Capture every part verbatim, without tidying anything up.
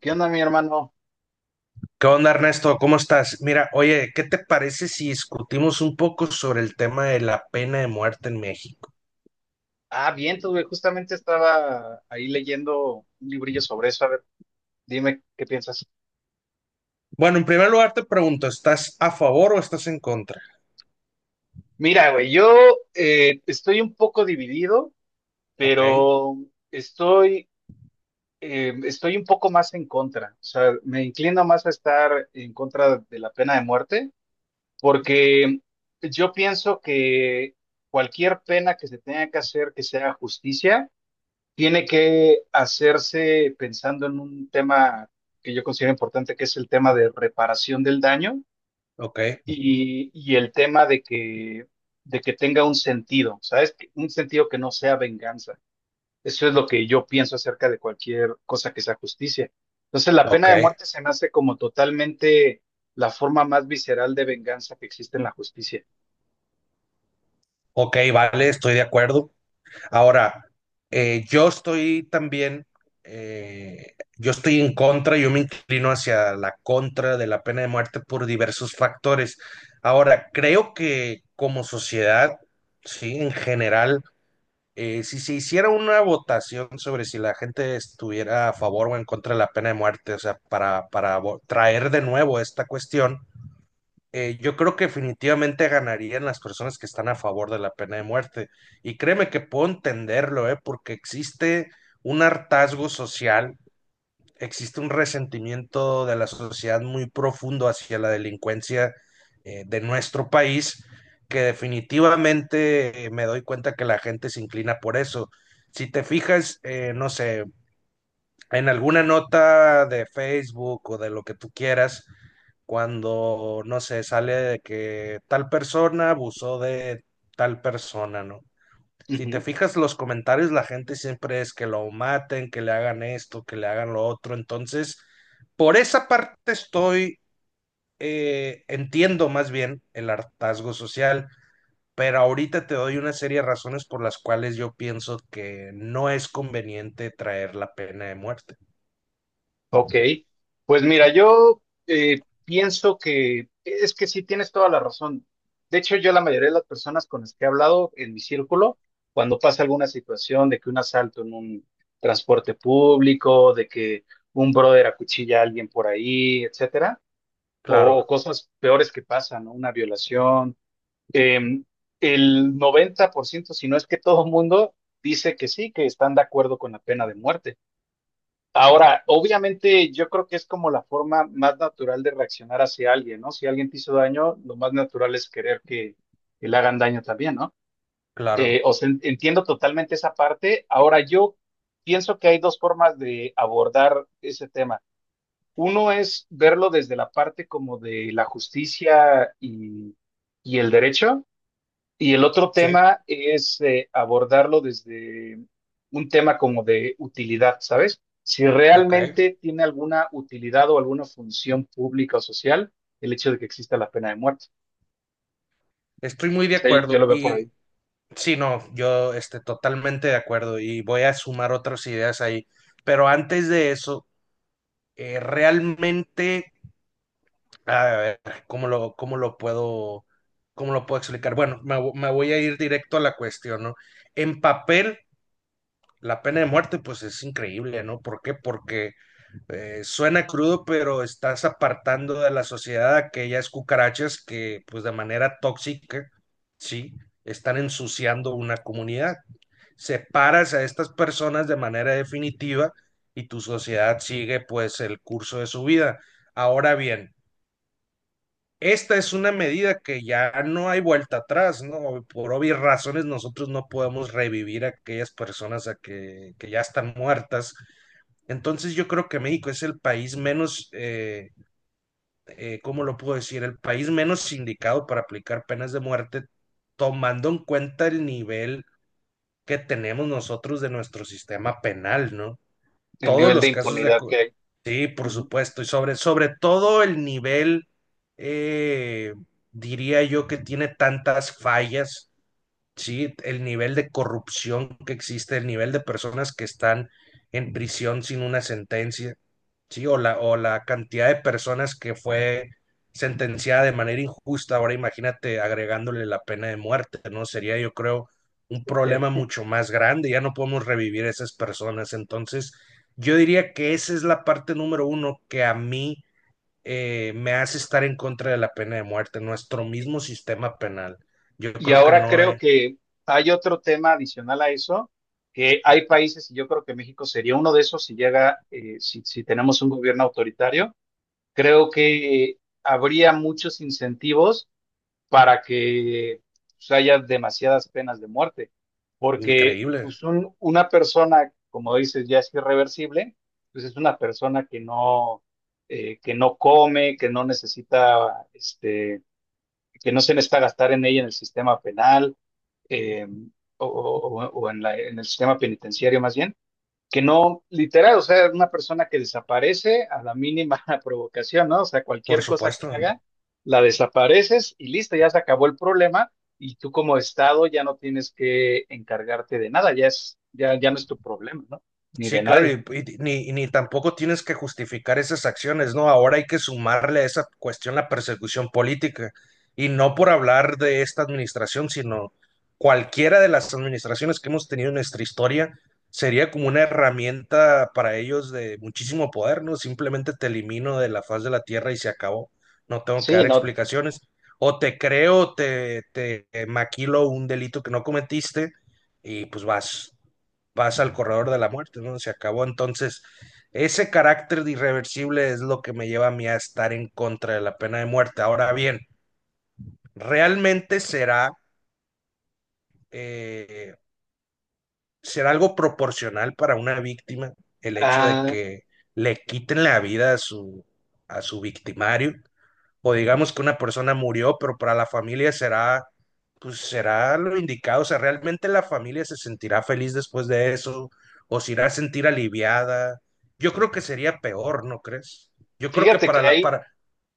¿Qué onda, mi hermano? ¿Qué onda, Ernesto? ¿Cómo estás? Mira, oye, ¿qué te parece si discutimos un poco sobre el tema de la pena de muerte en México? Ah, bien, tú, güey, justamente estaba ahí leyendo un librillo sobre eso. A ver, dime qué piensas. Bueno, en primer lugar te pregunto, ¿estás a favor o estás en contra? Mira, güey, yo eh, estoy un poco dividido, Ok, pero estoy, eh, estoy un poco más en contra. O sea, me inclino más a estar en contra de la pena de muerte, porque yo pienso que cualquier pena que se tenga que hacer que sea justicia tiene que hacerse pensando en un tema que yo considero importante, que es el tema de reparación del daño ok, y, y el tema de que, de que tenga un sentido, ¿sabes? Que- Un sentido que no sea venganza. Eso es lo que yo pienso acerca de cualquier cosa que sea justicia. Entonces, la ok, pena de muerte se me hace como totalmente la forma más visceral de venganza que existe en la justicia. ok, vale, estoy de acuerdo. Ahora, eh, yo estoy también, eh, yo estoy en contra, yo me inclino hacia la contra de la pena de muerte por diversos factores. Ahora, creo que como sociedad, sí, en general eh, si se hiciera una votación sobre si la gente estuviera a favor o en contra de la pena de muerte, o sea, para, para vo- traer de nuevo esta cuestión, eh, yo creo que definitivamente ganarían las personas que están a favor de la pena de muerte. Y créeme que puedo entenderlo, ¿eh? Porque existe un hartazgo social, existe un resentimiento de la sociedad muy profundo hacia la delincuencia eh, de nuestro país, que definitivamente eh, me doy cuenta que la gente se inclina por eso. Si te fijas, eh, no sé, en alguna nota de Facebook o de lo que tú quieras, cuando, no sé, sale de que tal persona abusó de tal persona, ¿no? Si te Ujú. fijas los comentarios, la gente siempre es que lo maten, que le hagan esto, que le hagan lo otro. Entonces, por esa parte estoy, eh, entiendo más bien el hartazgo social, pero ahorita te doy una serie de razones por las cuales yo pienso que no es conveniente traer la pena de muerte. Ok, pues mira, yo eh, pienso que es que sí tienes toda la razón. De hecho, yo la mayoría de las personas con las que he hablado en mi círculo, cuando pasa alguna situación de que un asalto en un transporte público, de que un brother acuchilla a alguien por ahí, etcétera, o, Claro, o cosas peores que pasan, ¿no? Una violación, em, el noventa por ciento, si no es que todo el mundo dice que sí, que están de acuerdo con la pena de muerte. Ahora, obviamente yo creo que es como la forma más natural de reaccionar hacia alguien, ¿no? Si alguien te hizo daño, lo más natural es querer que, que le hagan daño también, ¿no? Eh, claro, o sea, en- entiendo totalmente esa parte. Ahora, yo pienso que hay dos formas de abordar ese tema. Uno es verlo desde la parte como de la justicia y, y el derecho, y el otro sí, tema es eh, abordarlo desde un tema como de utilidad, ¿sabes? Si ok. realmente tiene alguna utilidad o alguna función pública o social el hecho de que exista la pena de muerte. Estoy muy de O sea, yo acuerdo lo veo por y ahí, sí, no, yo este, totalmente de acuerdo y voy a sumar otras ideas ahí. Pero antes de eso, eh, realmente, a ver, ¿cómo lo, cómo lo puedo, cómo lo puedo explicar? Bueno, me, vo- me voy a ir directo a la cuestión, ¿no? En papel, la pena de muerte, pues es increíble, ¿no? ¿Por qué? Porque eh, suena crudo, pero estás apartando de la sociedad a aquellas cucarachas que, pues de manera tóxica, sí, están ensuciando una comunidad. Separas a estas personas de manera definitiva y tu sociedad sigue, pues, el curso de su vida. Ahora bien, esta es una medida que ya no hay vuelta atrás, ¿no? Por obvias razones nosotros no podemos revivir a aquellas personas a que, que ya están muertas. Entonces yo creo que México es el país menos, eh, eh, ¿cómo lo puedo decir? El país menos indicado para aplicar penas de muerte, tomando en cuenta el nivel que tenemos nosotros de nuestro sistema penal, ¿no? el Todos nivel de los casos de impunidad que acu-. hay. Sí, por Ujú. supuesto, y sobre, sobre todo el nivel, eh, diría yo que tiene tantas fallas, sí, el nivel de corrupción que existe, el nivel de personas que están en prisión sin una sentencia, sí, o la, o la cantidad de personas que fue sentenciada de manera injusta. Ahora imagínate agregándole la pena de muerte, ¿no? Sería, yo creo, un problema Sí. mucho más grande. Ya no podemos revivir a esas personas. Entonces, yo diría que esa es la parte número uno que a mí eh, me hace estar en contra de la pena de muerte, nuestro mismo sistema penal. Yo Y creo que ahora no creo es que hay otro tema adicional a eso, que hay países, y yo creo que México sería uno de esos si llega, eh, si, si tenemos un gobierno autoritario, creo que habría muchos incentivos para que pues, haya demasiadas penas de muerte, porque increíble, pues, un- una persona, como dices, ya es irreversible, pues es una persona que no, eh, que no come, que no necesita, este, que no se necesita gastar en ella en el sistema penal eh, o, o- o en la- en el sistema penitenciario más bien que no, literal, o sea, una persona que desaparece a la mínima provocación, ¿no? O sea, cualquier por cosa que supuesto. haga, la desapareces y listo, ya se acabó el problema y tú como Estado ya no tienes que encargarte de nada, ya es, ya, ya no es tu problema, ¿no? Ni de Sí, claro, nadie. y, y ni, y ni tampoco tienes que justificar esas acciones, ¿no? Ahora hay que sumarle a esa cuestión la persecución política, y no por hablar de esta administración, sino cualquiera de las administraciones que hemos tenido en nuestra historia sería como una herramienta para ellos de muchísimo poder, ¿no? Simplemente te elimino de la faz de la tierra y se acabó, no tengo que Sí, dar no. explicaciones, o te creo, te, te maquilo un delito que no cometiste y pues vas pasa al corredor de la muerte, ¿no? Se acabó. Entonces, ese carácter de irreversible es lo que me lleva a mí a estar en contra de la pena de muerte. Ahora bien, ¿realmente será, eh, será algo proporcional para una víctima el hecho de ah, que le quiten la vida a su, a su victimario? O digamos que una persona murió, pero para la familia será, pues será lo indicado, o sea, realmente la familia se sentirá feliz después de eso, o se irá a sentir aliviada. Yo creo que sería peor, ¿no crees? Yo creo que fíjate que para la, hay, para,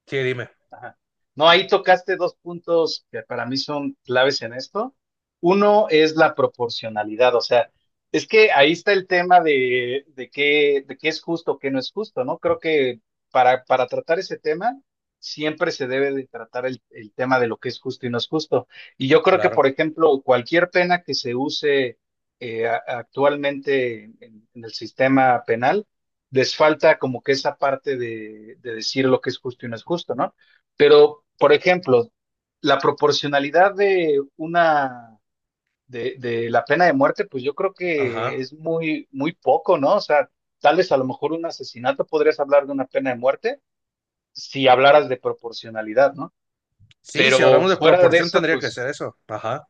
sí, dime, Ajá. No, ahí tocaste dos puntos que para mí son claves en esto. Uno es la proporcionalidad, o sea, es que ahí está el tema de, de qué, de qué es justo, qué no es justo, ¿no? Creo que para, para tratar ese tema siempre se debe de tratar el, el tema de lo que es justo y no es justo. Y yo creo que, por claro, ejemplo, cualquier pena que se use eh, a- actualmente en, en el sistema penal, les falta como que esa parte de, de decir lo que es justo y no es justo, ¿no? Pero, por ejemplo, la proporcionalidad de una de, de la pena de muerte, pues yo creo que ajá. es muy, muy poco, ¿no? O sea, tal vez a lo mejor un asesinato podrías hablar de una pena de muerte si hablaras de proporcionalidad, ¿no? Sí, si Pero hablamos de fuera de proporción eso, tendría que pues ser eso, ajá.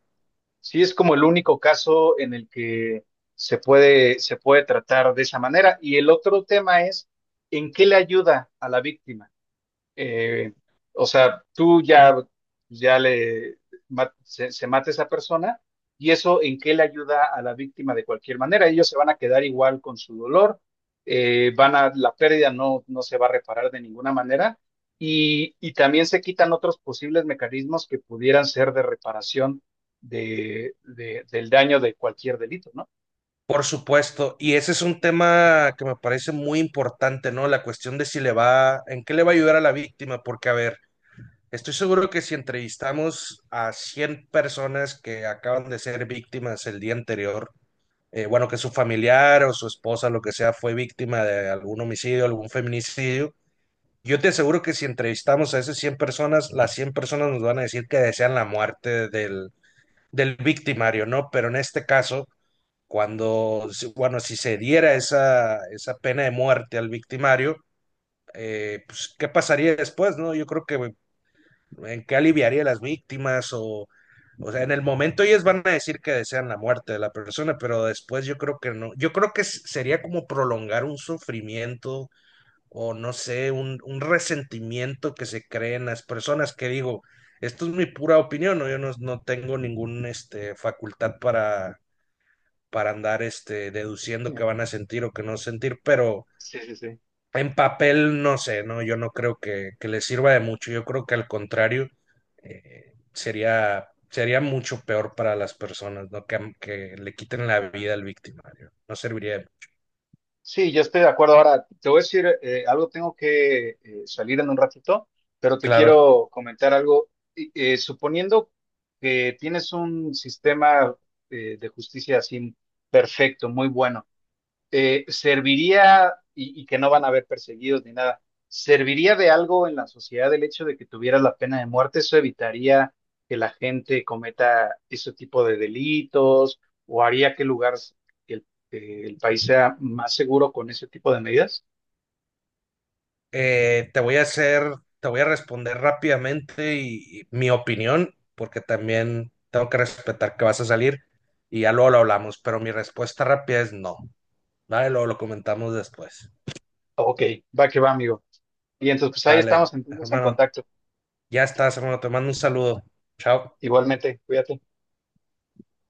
sí es como el único caso en el que se puede, se puede tratar de esa manera. Y el otro tema es, ¿en qué le ayuda a la víctima? eh, o sea, tú ya, ya le ma- se, se mata esa persona y eso en qué le ayuda a la víctima de cualquier manera. Ellos se van a quedar igual con su dolor, eh, van a, la pérdida no, no se va a reparar de ninguna manera y, y también se quitan otros posibles mecanismos que pudieran ser de reparación de, de- del daño de cualquier delito, ¿no? Por supuesto, y ese es un tema que me parece muy importante, ¿no? La cuestión de si le va, en qué le va a ayudar a la víctima, porque a ver, estoy seguro que si entrevistamos a cien personas que acaban de ser víctimas el día anterior, eh, bueno, que su familiar o su esposa, lo que sea, fue víctima de algún homicidio, algún feminicidio, yo te aseguro que si entrevistamos a esas cien personas, las cien personas nos van a decir que desean la muerte del, del victimario, ¿no? Pero en este caso, cuando, si, bueno, si se diera esa, esa pena de muerte al victimario, eh, pues, ¿qué pasaría después, no? Yo creo que en qué aliviaría a las víctimas o, o sea, en el momento ellos van a decir que desean la muerte de la persona, pero después yo creo que no, yo creo que sería como prolongar un sufrimiento o no sé, un, un resentimiento que se cree en las personas que digo, esto es mi pura opinión, ¿no? Yo no, no tengo ninguna este, facultad para, para andar este, Sí, deduciendo qué van a sentir o qué no sentir, pero sí, sí, sí. en papel, no sé, no, yo no creo que, que le sirva de mucho. Yo creo que al contrario, eh, sería, sería mucho peor para las personas, ¿no? Que, que le quiten la vida al victimario. No serviría. De-. Sí, yo estoy de acuerdo. Ahora, te voy a decir eh, algo, tengo que eh, salir en un ratito, pero te Claro. quiero comentar algo. Y, eh, suponiendo que tienes un sistema eh, de justicia así perfecto, muy bueno eh, serviría, y, y que no van a haber perseguidos ni nada, ¿serviría de algo en la sociedad el hecho de que tuviera la pena de muerte? ¿Eso evitaría que la gente cometa ese tipo de delitos o haría que el lugar, que el, que el país sea más seguro con ese tipo de medidas? Eh, te voy a hacer, te voy a responder rápidamente y, y mi opinión, porque también tengo que respetar que vas a salir y ya luego lo hablamos, pero mi respuesta rápida es no. Vale, luego lo comentamos después. Ok, va que va, amigo. Y entonces, pues ahí Dale, estamos entonces en hermano. contacto. Ya estás, hermano. Te mando un saludo. Chao. Igualmente, cuídate.